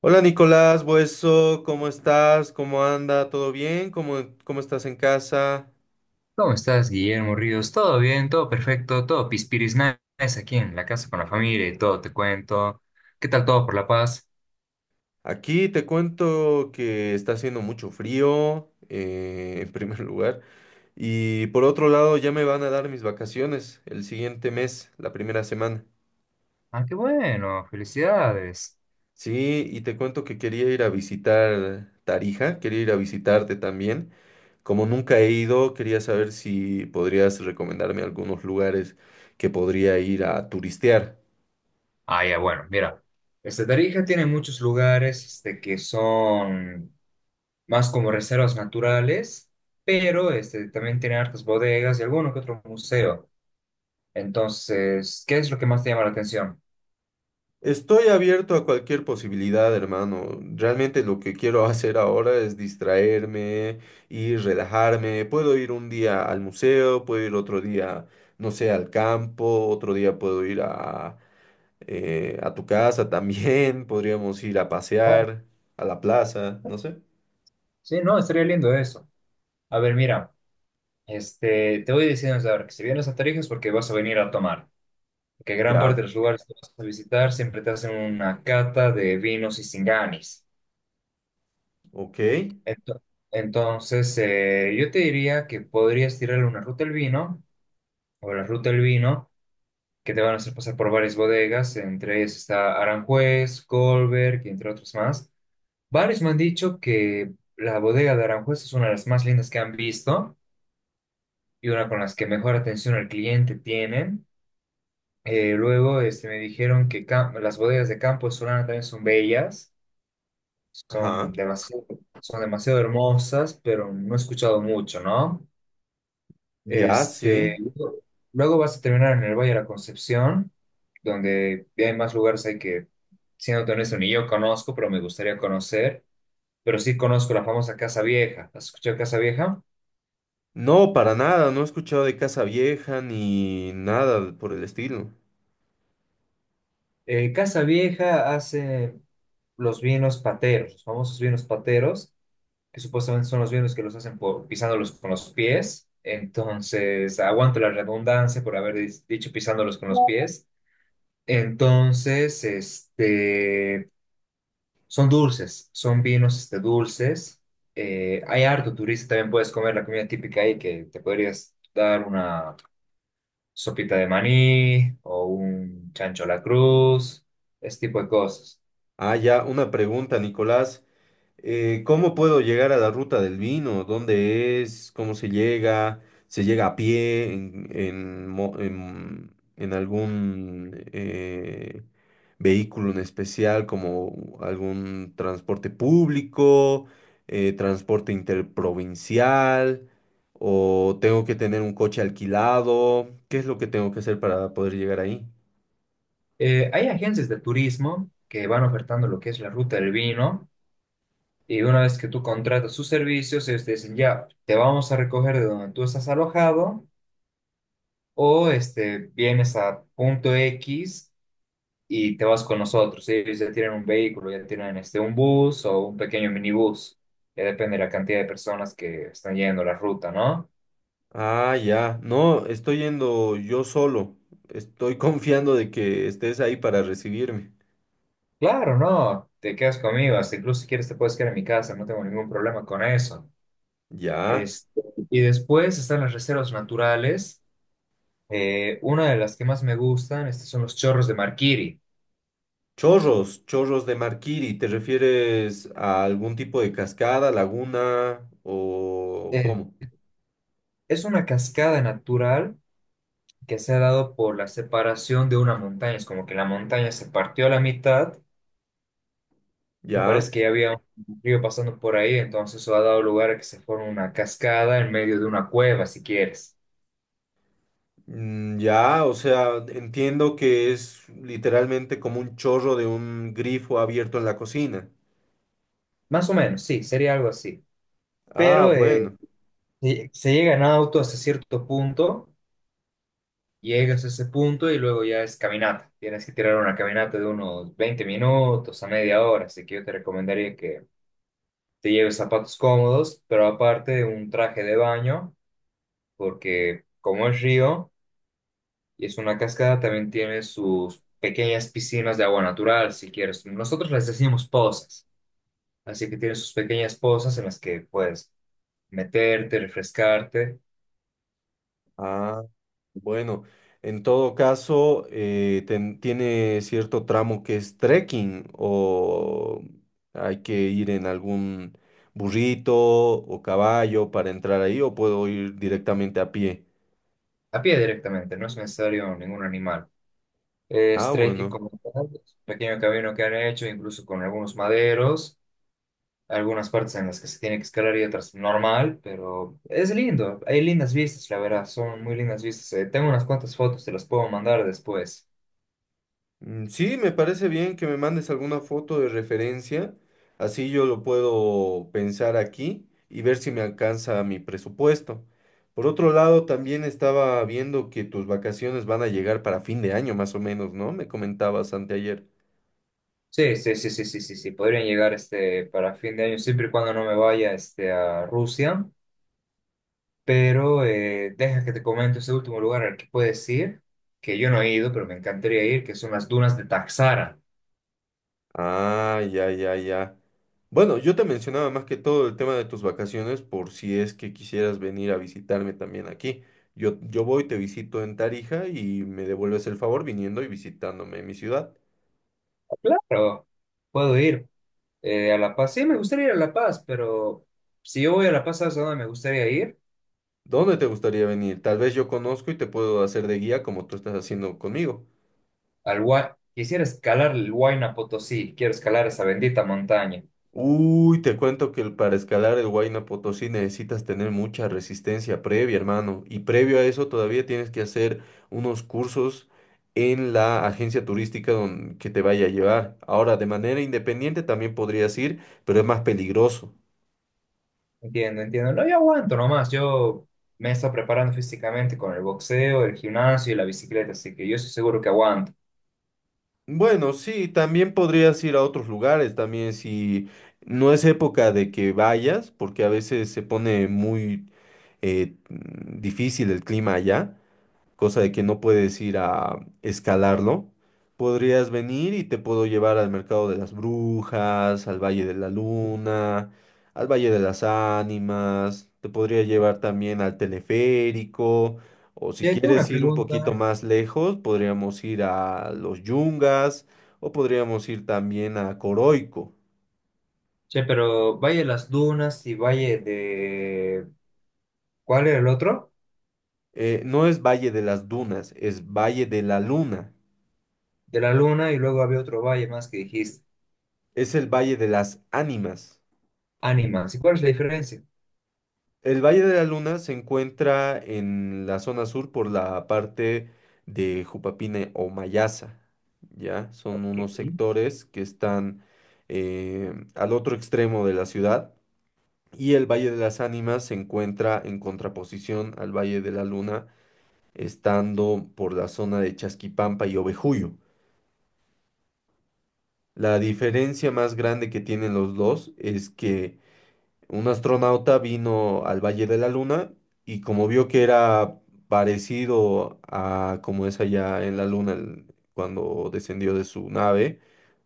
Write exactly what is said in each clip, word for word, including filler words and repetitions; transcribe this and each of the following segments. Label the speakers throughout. Speaker 1: Hola Nicolás, Bueso, ¿cómo estás? ¿Cómo anda? ¿Todo bien? ¿Cómo, cómo estás en casa?
Speaker 2: ¿Cómo estás, Guillermo Ríos? ¿Todo bien? ¿Todo perfecto? ¿Todo pispiris nice aquí en la casa con la familia y todo? Te cuento. ¿Qué tal todo por La Paz?
Speaker 1: Aquí te cuento que está haciendo mucho frío, eh, en primer lugar, y por otro lado ya me van a dar mis vacaciones el siguiente mes, la primera semana.
Speaker 2: Ah, qué bueno. Felicidades.
Speaker 1: Sí, y te cuento que quería ir a visitar Tarija, quería ir a visitarte también. Como nunca he ido, quería saber si podrías recomendarme algunos lugares que podría ir a turistear.
Speaker 2: Ah, ya, bueno, mira. Este, Tarija tiene muchos lugares este, que son más como reservas naturales, pero este, también tiene hartas bodegas y alguno que otro museo. Entonces, ¿qué es lo que más te llama la atención?
Speaker 1: Estoy abierto a cualquier posibilidad, hermano. Realmente lo que quiero hacer ahora es distraerme y relajarme. Puedo ir un día al museo, puedo ir otro día, no sé, al campo, otro día puedo ir a, eh, a tu casa también, podríamos ir a
Speaker 2: Ah,
Speaker 1: pasear, a la plaza, no sé.
Speaker 2: sí, no, estaría lindo eso. A ver, mira. Este, te voy diciendo desde ahora que si vienes a Tarija es porque vas a venir a tomar, porque gran parte
Speaker 1: Ya,
Speaker 2: de los lugares que vas a visitar siempre te hacen una cata de vinos y singanis.
Speaker 1: ok.
Speaker 2: Ento- Entonces, eh, yo te diría que podrías tirarle una ruta al vino, o la ruta del vino, que te van a hacer pasar por varias bodegas, entre ellas está Aranjuez, Colberg, y entre otros más. Varios me han dicho que la bodega de Aranjuez es una de las más lindas que han visto y una con las que mejor atención al cliente tienen. Eh, luego este, me dijeron que cam- las bodegas de Campo de Solana también son bellas, son
Speaker 1: Ajá.
Speaker 2: demasiado, son demasiado hermosas, pero no he escuchado mucho, ¿no?
Speaker 1: Ya,
Speaker 2: Este,
Speaker 1: sí.
Speaker 2: luego luego vas a terminar en el Valle de la Concepción, donde hay más lugares ahí que, siendo honesto, ni yo conozco, pero me gustaría conocer. Pero sí conozco la famosa Casa Vieja. ¿Has escuchado Casa Vieja?
Speaker 1: No, para nada, no he escuchado de Casa Vieja ni nada por el estilo.
Speaker 2: Eh, Casa Vieja hace los vinos pateros, los famosos vinos pateros que supuestamente son los mismos que los hacen por pisándolos con los pies. Entonces, aguanto la redundancia por haber dis- dicho pisándolos con los pies. Entonces, este, son dulces, son vinos este, dulces. Eh, hay harto turista, también puedes comer la comida típica ahí, que te podrías dar una sopita de maní o un chancho a la cruz, ese tipo de cosas.
Speaker 1: Ah, ya, una pregunta, Nicolás. Eh, ¿cómo puedo llegar a la ruta del vino? ¿Dónde es? ¿Cómo se llega? ¿Se llega a pie? ¿En, en mo- en- en algún eh, vehículo en especial, como algún transporte público, eh, transporte interprovincial? ¿O tengo que tener un coche alquilado? ¿Qué es lo que tengo que hacer para poder llegar ahí?
Speaker 2: Eh, hay agencias de turismo que van ofertando lo que es la ruta del vino. Y una vez que tú contratas sus servicios, ellos te dicen, ya, te vamos a recoger de donde tú estás alojado o este, vienes a punto X y te vas con nosotros. Ellos ya tienen un vehículo, ya tienen este, un bus o un pequeño minibús. Ya depende de la cantidad de personas que están yendo la ruta, ¿no?
Speaker 1: Ah, ya. No, estoy yendo yo solo. Estoy confiando de que estés ahí para recibirme.
Speaker 2: Claro, no, te quedas conmigo. Hasta incluso si quieres te puedes quedar en mi casa, no tengo ningún problema con eso.
Speaker 1: Ya.
Speaker 2: Este, y después están las reservas naturales. Eh, una de las que más me gustan, este, son los chorros de Marquiri.
Speaker 1: Chorros, chorros de Marquiri. ¿Te refieres a algún tipo de cascada, laguna o
Speaker 2: Eh,
Speaker 1: cómo?
Speaker 2: es una cascada natural que se ha dado por la separación de una montaña. Es como que la montaña se partió a la mitad y
Speaker 1: Ya.
Speaker 2: parece que ya había un río pasando por ahí, entonces eso ha dado lugar a que se forme una cascada en medio de una cueva, si quieres.
Speaker 1: Mm, ya, o sea, entiendo que es literalmente como un chorro de un grifo abierto en la cocina.
Speaker 2: Más o menos, sí, sería algo así.
Speaker 1: Ah,
Speaker 2: Pero eh,
Speaker 1: bueno.
Speaker 2: se se llega en auto hasta cierto punto, llegas a ese punto y luego ya es caminata. Tienes que tirar una caminata de unos veinte minutos a media hora, así que yo te recomendaría que te lleves zapatos cómodos, pero aparte un traje de baño, porque como es río y es una cascada, también tiene sus pequeñas piscinas de agua natural, si quieres. Nosotros les decimos pozas, así que tiene sus pequeñas pozas en las que puedes meterte, refrescarte,
Speaker 1: Ah. Bueno, en todo caso, eh, ten- tiene cierto tramo que es trekking o hay que ir en algún burrito o caballo para entrar ahí o puedo ir directamente a pie.
Speaker 2: a pie directamente, no es necesario ningún animal. Es
Speaker 1: Ah,
Speaker 2: trekking
Speaker 1: bueno.
Speaker 2: como tal, es un pequeño camino que han hecho, incluso con algunos maderos. Algunas partes en las que se tiene que escalar y otras normal, pero es lindo. Hay lindas vistas, la verdad, son muy lindas vistas. Eh, tengo unas cuantas fotos, te las puedo mandar después.
Speaker 1: Mm, sí, me parece bien que me mandes alguna foto de referencia, así yo lo puedo pensar aquí y ver si me alcanza mi presupuesto. Por otro lado, también estaba viendo que tus vacaciones van a llegar para fin de año más o menos, ¿no? Me comentabas anteayer.
Speaker 2: Sí, sí, sí, sí, sí, sí, sí, podrían llegar este, para fin de año, siempre y cuando no me vaya este, a Rusia, pero eh, deja que te comento ese último lugar al que puedes ir, que yo no he ido, pero me encantaría ir, que son las dunas de Taxara.
Speaker 1: Ah, ya, ya, ya. Bueno, yo te mencionaba más que todo el tema de tus vacaciones por si es que quisieras venir a visitarme también aquí. Yo, yo voy, te visito en Tarija y me devuelves el favor viniendo y visitándome en mi ciudad.
Speaker 2: Claro, puedo ir eh, a La Paz. Sí, me gustaría ir a La Paz, pero si yo voy a La Paz, ¿sabes a dónde me gustaría ir?
Speaker 1: ¿Dónde te gustaría venir? Tal vez yo conozco y te puedo hacer de guía como tú estás haciendo conmigo.
Speaker 2: al Hua- Quisiera escalar el Huayna Potosí, quiero escalar esa bendita montaña.
Speaker 1: Uy, te cuento que el- para escalar el Huayna Potosí necesitas tener mucha resistencia previa, hermano. Y previo a eso todavía tienes que hacer unos cursos en la agencia turística don- que te vaya a llevar. Ahora, de manera independiente también podrías ir, pero es más peligroso.
Speaker 2: Entiendo, entiendo. No, yo aguanto nomás. Yo me estoy preparando físicamente con el boxeo, el gimnasio y la bicicleta, así que yo estoy seguro que aguanto.
Speaker 1: Bueno, sí, también podrías ir a otros lugares, también si no es época de que vayas, porque a veces se pone muy eh, mm, difícil el clima allá, cosa de que no puedes ir a escalarlo, podrías venir y te puedo llevar al Mercado de las Brujas, al Valle de la Luna, al Valle de las Ánimas, te podría llevar también al teleférico, o
Speaker 2: Che,
Speaker 1: si
Speaker 2: tengo una
Speaker 1: quieres ir un poquito
Speaker 2: pregunta.
Speaker 1: más lejos, podríamos ir a los Yungas, o podríamos ir también a Coroico.
Speaker 2: Che, pero Valle de las Dunas y Valle de... ¿Cuál era el otro?
Speaker 1: Eh, no es Valle de las Dunas, es Valle de la Luna.
Speaker 2: De la Luna y luego había otro valle más que dijiste.
Speaker 1: Es el Valle de las Ánimas.
Speaker 2: Ánimas. ¿Y cuál es la diferencia?
Speaker 1: El Valle de la Luna se encuentra en la zona sur por la parte de Jupapine o Mayasa, ¿ya? Son
Speaker 2: Ok.
Speaker 1: unos sectores que están eh, al otro extremo de la ciudad y el Valle de las Ánimas se encuentra en contraposición al Valle de la Luna, estando por la zona de Chasquipampa y Ovejuyo. La diferencia más grande que tienen los dos es que un astronauta vino al Valle de la Luna y como vio que era parecido a como es allá en la Luna el- cuando descendió de su nave,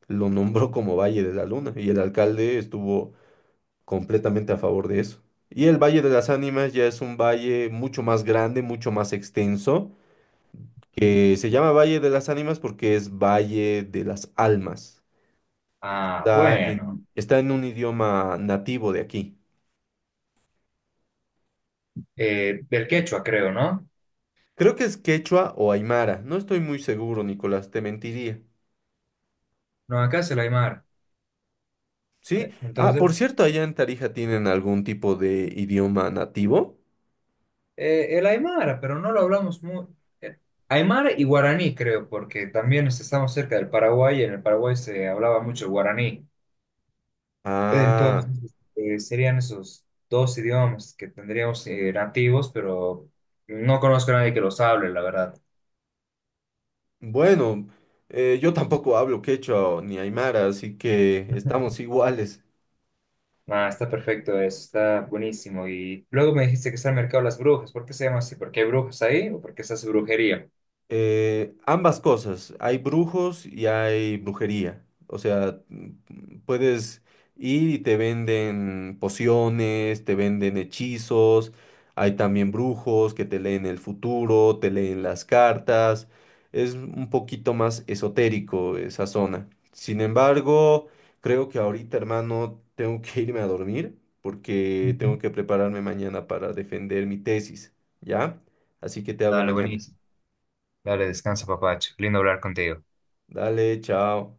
Speaker 1: lo nombró como Valle de la Luna y el alcalde estuvo completamente a favor de eso. Y el Valle de las Ánimas ya es un valle mucho más grande, mucho más extenso, que se llama Valle de las Ánimas porque es Valle de las Almas.
Speaker 2: Ah,
Speaker 1: Está
Speaker 2: bueno.
Speaker 1: en, está en un idioma nativo de aquí.
Speaker 2: Eh, del quechua, creo, ¿no?
Speaker 1: Creo que es quechua o aymara. No estoy muy seguro, Nicolás, te mentiría.
Speaker 2: No, acá es el Aymara.
Speaker 1: ¿Sí? Ah, por
Speaker 2: Entonces,
Speaker 1: cierto, allá en Tarija tienen algún tipo de idioma nativo.
Speaker 2: Eh, el Aymara, pero no lo hablamos muy. eh, Aymara y guaraní, creo, porque también es- estamos cerca del Paraguay y en el Paraguay se hablaba mucho guaraní.
Speaker 1: Ah,
Speaker 2: Entonces, eh, serían esos dos idiomas que tendríamos eh, nativos, pero no conozco a nadie que los hable, la verdad.
Speaker 1: bueno, eh, yo tampoco hablo quechua o ni aymara, así que estamos iguales.
Speaker 2: Ah, está perfecto eso, está buenísimo. Y luego me dijiste que está el mercado de las brujas. ¿Por qué se llama así? ¿Porque hay brujas ahí o porque se hace brujería?
Speaker 1: Eh, ambas cosas, hay brujos y hay brujería. O sea, mm, puedes ir y te venden pociones, te venden hechizos, hay también brujos que te leen el futuro, te leen las cartas. Es un poquito más esotérico esa zona. Sin embargo, creo que ahorita, hermano, tengo que irme a dormir porque
Speaker 2: Ujú.
Speaker 1: tengo que prepararme mañana para defender mi tesis, ¿ya? Así que te hablo
Speaker 2: Dale,
Speaker 1: mañana.
Speaker 2: buenísimo. Dale, descansa, papacho. Lindo hablar contigo.
Speaker 1: Dale, chao.